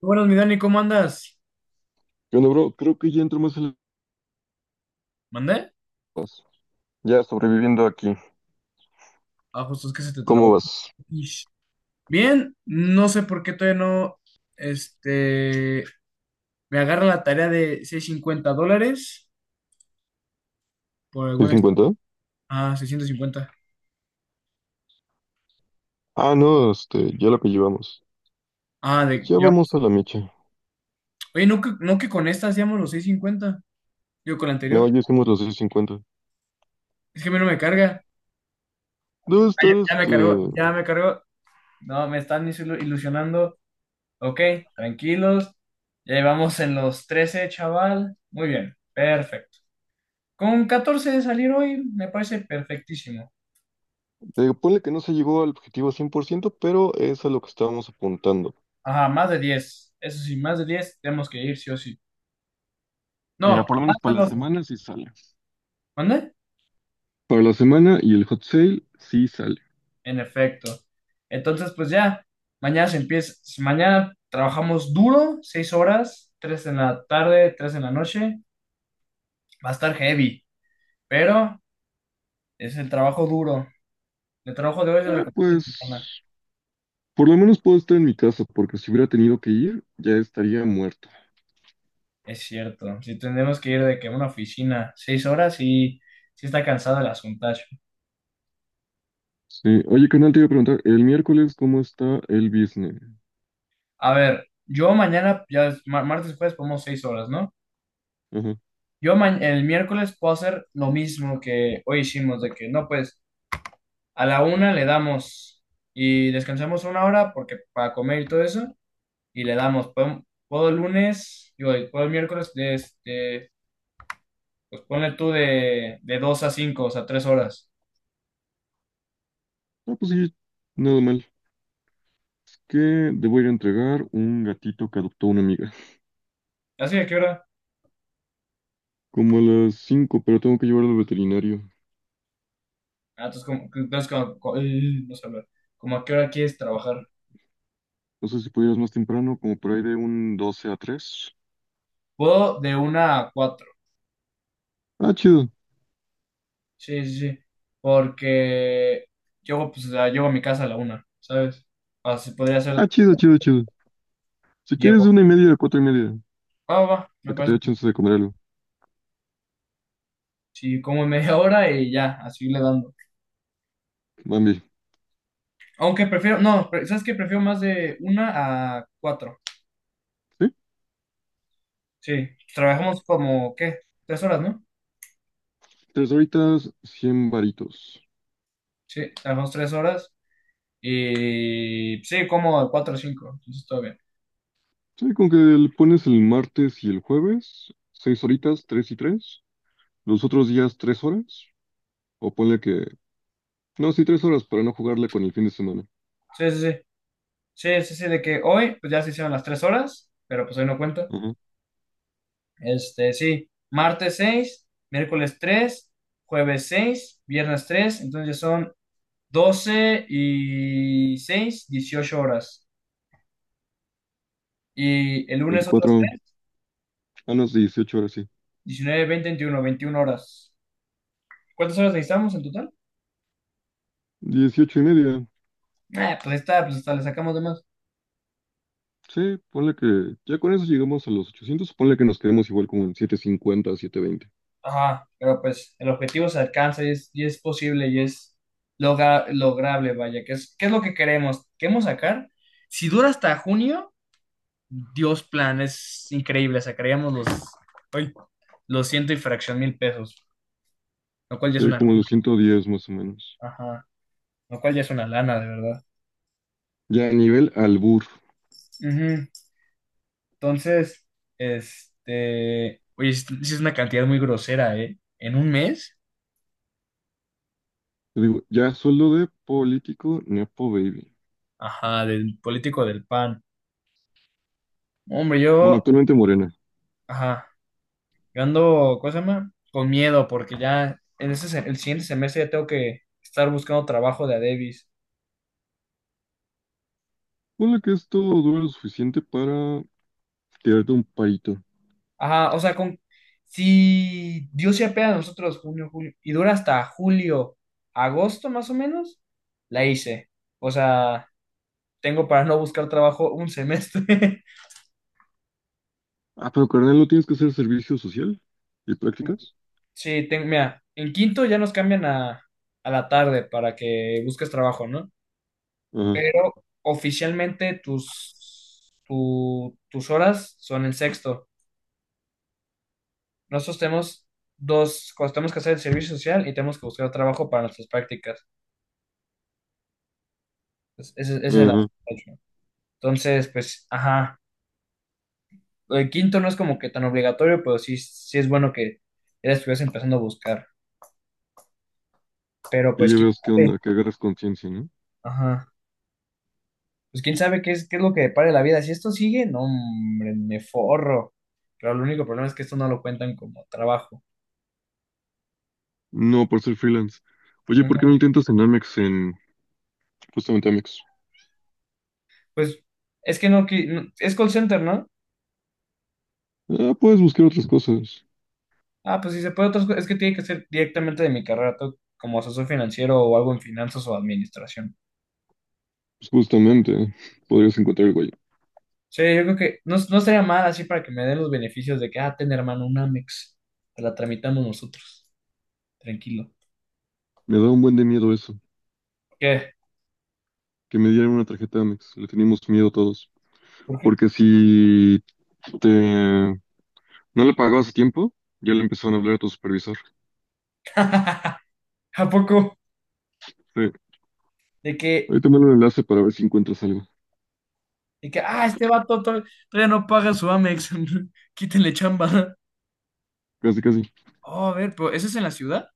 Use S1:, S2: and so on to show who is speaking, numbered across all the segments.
S1: Buenas, mi Dani, ¿cómo andas?
S2: ¿Qué onda, bro? Creo que ya entro más en
S1: ¿Mandé?
S2: las... Ya sobreviviendo aquí.
S1: Ah, justo es que se te
S2: ¿Cómo
S1: trabó.
S2: vas?
S1: Ish. Bien, no sé por qué todavía no, este, me agarra la tarea de $650 por
S2: ¿Soy
S1: alguna...
S2: 50?
S1: Ah, 650.
S2: Ah, no, ya lo que llevamos.
S1: Ah, de...
S2: Ya
S1: Ya.
S2: vamos a la mecha.
S1: Oye, ¿no que con esta hacíamos los 650? Digo, con la
S2: No,
S1: anterior.
S2: ya hicimos los 650.
S1: Es que a mí no me carga.
S2: Debe
S1: Ah, ya,
S2: estar,
S1: ya me cargó,
S2: este...
S1: ya me cargó. No, me están ilusionando. Ok, tranquilos. Ya llevamos en los 13, chaval. Muy bien, perfecto. Con 14 de salir hoy me parece perfectísimo.
S2: eh, ponle que no se llegó al objetivo 100%, pero es a lo que estábamos apuntando.
S1: Ajá, más de diez. Eso sí, más de 10 tenemos que ir sí o sí.
S2: Mira,
S1: No,
S2: por lo
S1: más
S2: menos
S1: de
S2: para la
S1: doce.
S2: semana sí sale.
S1: ¿Dónde?
S2: Para la semana y el hot sale sí sale.
S1: En efecto. Entonces, mañana se empieza. Mañana trabajamos duro, 6 horas, 3 en la tarde, 3 en la noche. Va a estar heavy, pero es el trabajo duro. El trabajo de hoy es el
S2: Ah,
S1: recompensa mexicana.
S2: pues... Por lo menos puedo estar en mi casa, porque si hubiera tenido que ir, ya estaría muerto.
S1: Es cierto. Si tenemos que ir de que a una oficina 6 horas, sí, sí está cansado el asuntacho.
S2: Sí, oye, canal, te iba a preguntar, el miércoles, ¿cómo está el business?
S1: A ver, yo mañana, ya es martes y jueves ponemos seis horas, ¿no?
S2: Ajá.
S1: Yo el miércoles puedo hacer lo mismo que hoy hicimos, de que no, pues a la una le damos y descansamos una hora porque para comer y todo eso, y le damos, puedo el miércoles, pues ponle tú de dos a cinco, o sea, tres horas.
S2: Ah, pues sí, nada mal. Que debo ir a entregar un gatito que adoptó una amiga.
S1: ¿Así a qué hora?
S2: Como a las 5, pero tengo que llevarlo al veterinario.
S1: Ah, entonces, como, entonces no sé hablar. ¿Cómo a qué hora quieres trabajar?
S2: No sé si pudieras más temprano, como por ahí de un 12 a 3.
S1: Puedo de una a cuatro.
S2: Ah, chido.
S1: Sí, sí, sí. Porque llego, pues, o sea, llego a mi casa a la una, ¿sabes? Así podría ser,
S2: Ah, chido, chido, chido. Si quieres de
S1: llego.
S2: 1:30 a 4:30,
S1: Ah, va, me
S2: para que te dé
S1: parece.
S2: chance de comer algo.
S1: Sí, como media hora y ya, así le dando.
S2: Bambi,
S1: Aunque prefiero, no, pre- ¿sabes qué? Prefiero más de una a cuatro.
S2: ¿sí?
S1: Sí, trabajamos como, ¿qué? Tres horas, ¿no?
S2: Tres horitas, 100 varitos.
S1: Sí, trabajamos tres horas y sí, como de cuatro a cinco, entonces todo bien.
S2: Sí, con que le pones el martes y el jueves, 6 horitas, tres y tres. Los otros días, 3 horas. O ponle que... No, sí, 3 horas para no jugarle con el fin de semana.
S1: Sí, sí, sí. Sí, sí, sí, de que hoy, pues ya se hicieron las tres horas, pero pues hoy no cuenta.
S2: Ajá,
S1: Sí, martes seis, miércoles tres, jueves seis, viernes tres, entonces son 12 y seis, dieciocho horas. Y el lunes otras
S2: 24,
S1: 3,
S2: ah, no, 18 horas, sí.
S1: 19, 20, veintiuno 21 horas. ¿Cuántas horas necesitamos en total?
S2: 18 y media,
S1: Pues ahí está, pues hasta le sacamos de más.
S2: sí, ponle que, ya con eso llegamos a los 800, ponle que nos quedemos igual como en 750, 720,
S1: Ajá, pero pues el objetivo se alcanza y es posible y es lograble, vaya, que es, ¿qué es lo que queremos? Queremos sacar, si dura hasta junio, Dios plan, es increíble. Sacaríamos los, ay, los ciento y fracción mil pesos, lo cual ya es
S2: sí,
S1: una lana.
S2: como los 110 más o menos.
S1: Ajá, lo cual ya es una lana, de verdad.
S2: Ya a nivel albur...
S1: Ujú. Entonces, oye, es, sí es una cantidad muy grosera, ¿eh? En un mes,
S2: Yo digo, ya sueldo de político, nepo baby.
S1: ajá, del político del PAN. Hombre,
S2: Bueno,
S1: yo,
S2: actualmente Morena.
S1: ajá, yo ando, ¿cómo se llama? Con miedo, porque ya en el siguiente semestre ya tengo que estar buscando trabajo de a Davis.
S2: Ponle que esto dura lo suficiente para tirarte un parito.
S1: Ajá, o sea, con, si Dios se apea a nosotros junio, julio, y dura hasta julio, agosto más o menos, la hice. O sea, tengo para no buscar trabajo un semestre.
S2: Ah, pero carnal, ¿no tienes que hacer servicio social y prácticas?
S1: Sí, tengo, mira, en quinto ya nos cambian a la tarde para que busques trabajo, ¿no?
S2: Ajá,
S1: Pero oficialmente tus horas son en sexto. Nosotros tenemos dos cosas, tenemos que hacer el servicio social y tenemos que buscar trabajo para nuestras prácticas. Entonces, ese es el.
S2: ajá,
S1: Entonces, pues, ajá, el quinto no es como que tan obligatorio, pero sí, sí es bueno que ya la estuvieras empezando a buscar. Pero
S2: y
S1: pues,
S2: ya
S1: quién
S2: ves qué
S1: sabe,
S2: onda, que agarras conciencia, no.
S1: ajá, pues quién sabe qué es lo que depare la vida. Si esto sigue, no, hombre, me forro. Pero el único problema es que esto no lo cuentan como trabajo.
S2: No, por ser freelance. Oye, ¿por qué no
S1: Ujú.
S2: intentas en Amex, en justamente Amex?
S1: Pues, es que no, es call center, ¿no?
S2: Ah, puedes buscar otras cosas.
S1: Ah, pues si se puede otras cosas, es que tiene que ser directamente de mi carrera, todo como asesor financiero o algo en finanzas o administración.
S2: Pues justamente, podrías encontrar algo ahí.
S1: Sí, yo creo que no, no estaría mal así para que me den los beneficios de que, ah, ten hermano, un Amex. Te la tramitamos nosotros. Tranquilo.
S2: Me da un buen de miedo eso,
S1: ¿Qué?
S2: que me dieran una tarjeta Amex. Le teníamos miedo todos.
S1: ¿Por qué?
S2: Porque si te no le pagabas a tiempo, ya le empezaron a hablar a tu supervisor.
S1: ¿A poco?
S2: Sí.
S1: De que,
S2: Ahí te mando el enlace para ver si encuentras algo.
S1: ah, este vato todavía no paga su Amex. Quítenle chamba.
S2: Casi, casi.
S1: Oh, a ver, pero ¿eso es en la ciudad?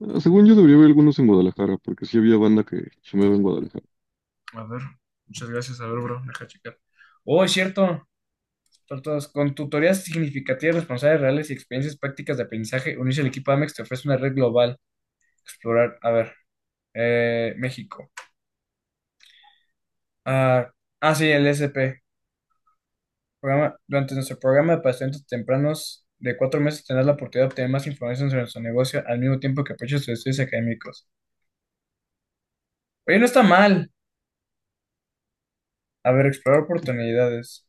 S2: Ah, según yo debería haber algunos en Guadalajara, porque sí había banda que chambeaba en Guadalajara.
S1: A ver, muchas gracias. A ver, bro, deja checar. Oh, es cierto. Tortas, con tutorías significativas, responsables reales y experiencias prácticas de aprendizaje, unirse al equipo Amex te ofrece una red global. Explorar, a ver, México. Ah, ah, sí, el SP. Durante nuestro programa de pacientes tempranos de cuatro meses tendrás la oportunidad de obtener más información sobre nuestro negocio al mismo tiempo que apoyas tus estudios académicos. Oye, no está mal. A ver, explorar oportunidades.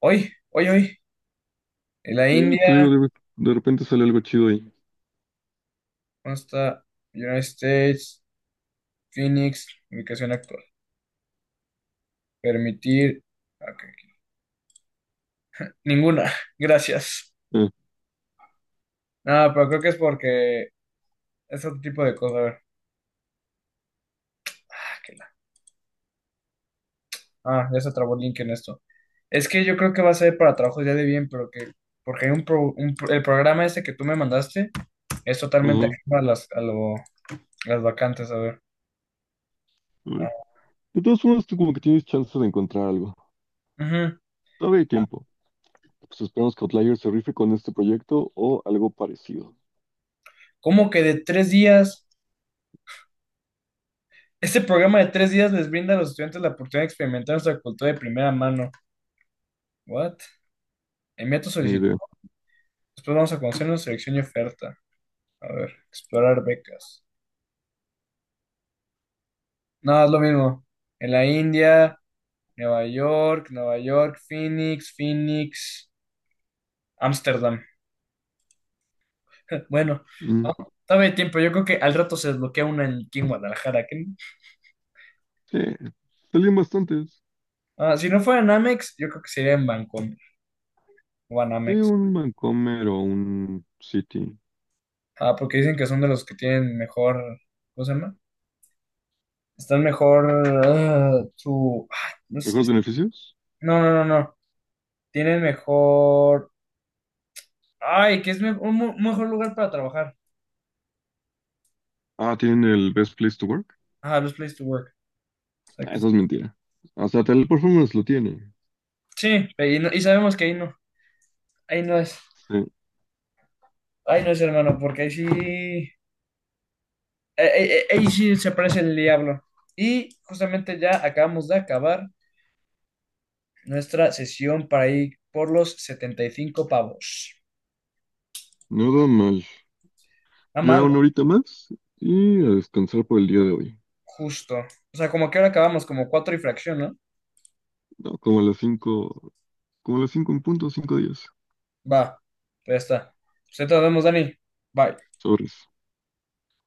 S1: Hoy, hoy, hoy. En la
S2: Te
S1: India,
S2: digo, de repente sale algo chido ahí.
S1: ¿dónde está? United States, Phoenix, ubicación actual. Permitir. Ok, ninguna, gracias.
S2: Ah,
S1: No, pero creo que es porque es otro tipo de cosas. A ver, ah, ah, ya se trabó el link en esto. Es que yo creo que va a ser para trabajos ya de bien, pero que, porque hay el programa ese que tú me mandaste es totalmente ajeno a las vacantes, a ver.
S2: ajá. De todas formas, tú como que tienes chance de encontrar algo.
S1: Ujú.
S2: Todavía hay tiempo. Pues esperamos que Outlier se rife con este proyecto o algo parecido.
S1: ¿Cómo que de tres días? Este programa de tres días les brinda a los estudiantes la oportunidad de experimentar nuestra cultura de primera mano. ¿What? Envía tu
S2: Ni
S1: solicitud.
S2: idea.
S1: Después vamos a conocernos, selección y oferta. A ver, explorar becas. No, es lo mismo. En la India, Nueva York, Nueva York, Phoenix, Phoenix, Ámsterdam. Bueno,
S2: Mm,
S1: no, todavía hay tiempo. Yo creo que al rato se desbloquea una aquí en Guadalajara. No.
S2: sí, salían bastantes.
S1: Ah, si no fuera en Amex, yo creo que sería en Bancomer o en
S2: Sí,
S1: Amex.
S2: un Vancomer o un City.
S1: Ah, porque dicen que son de los que tienen mejor. ¿Cómo se llama? Están mejor. Ah, su. Ay, no, sé,
S2: ¿Mejores
S1: es-
S2: beneficios?
S1: no, no, no, no. Tienen mejor. Ay, que es mejor lugar para trabajar.
S2: Ah, tienen el Best Place to Work.
S1: Ah, best place to work. O sea
S2: Ah,
S1: que-
S2: eso es mentira. O sea, Teleperformance lo tiene.
S1: sí, y sabemos que ahí no. Ahí no es.
S2: Sí,
S1: Ahí no es, hermano, porque ahí sí. Ahí sí se parece el diablo. Y justamente ya acabamos de acabar nuestra sesión para ir por los 75 pavos.
S2: nada mal.
S1: Nada
S2: Ya
S1: más,
S2: una horita más y a descansar por el día de hoy.
S1: justo. O sea, como que ahora acabamos como cuatro y fracción, ¿no?
S2: No, como a las cinco, como a las 5 en punto, 5 días.
S1: Va, pues ya está. Pues ahí te nos vemos, Dani. Bye.
S2: Sobres.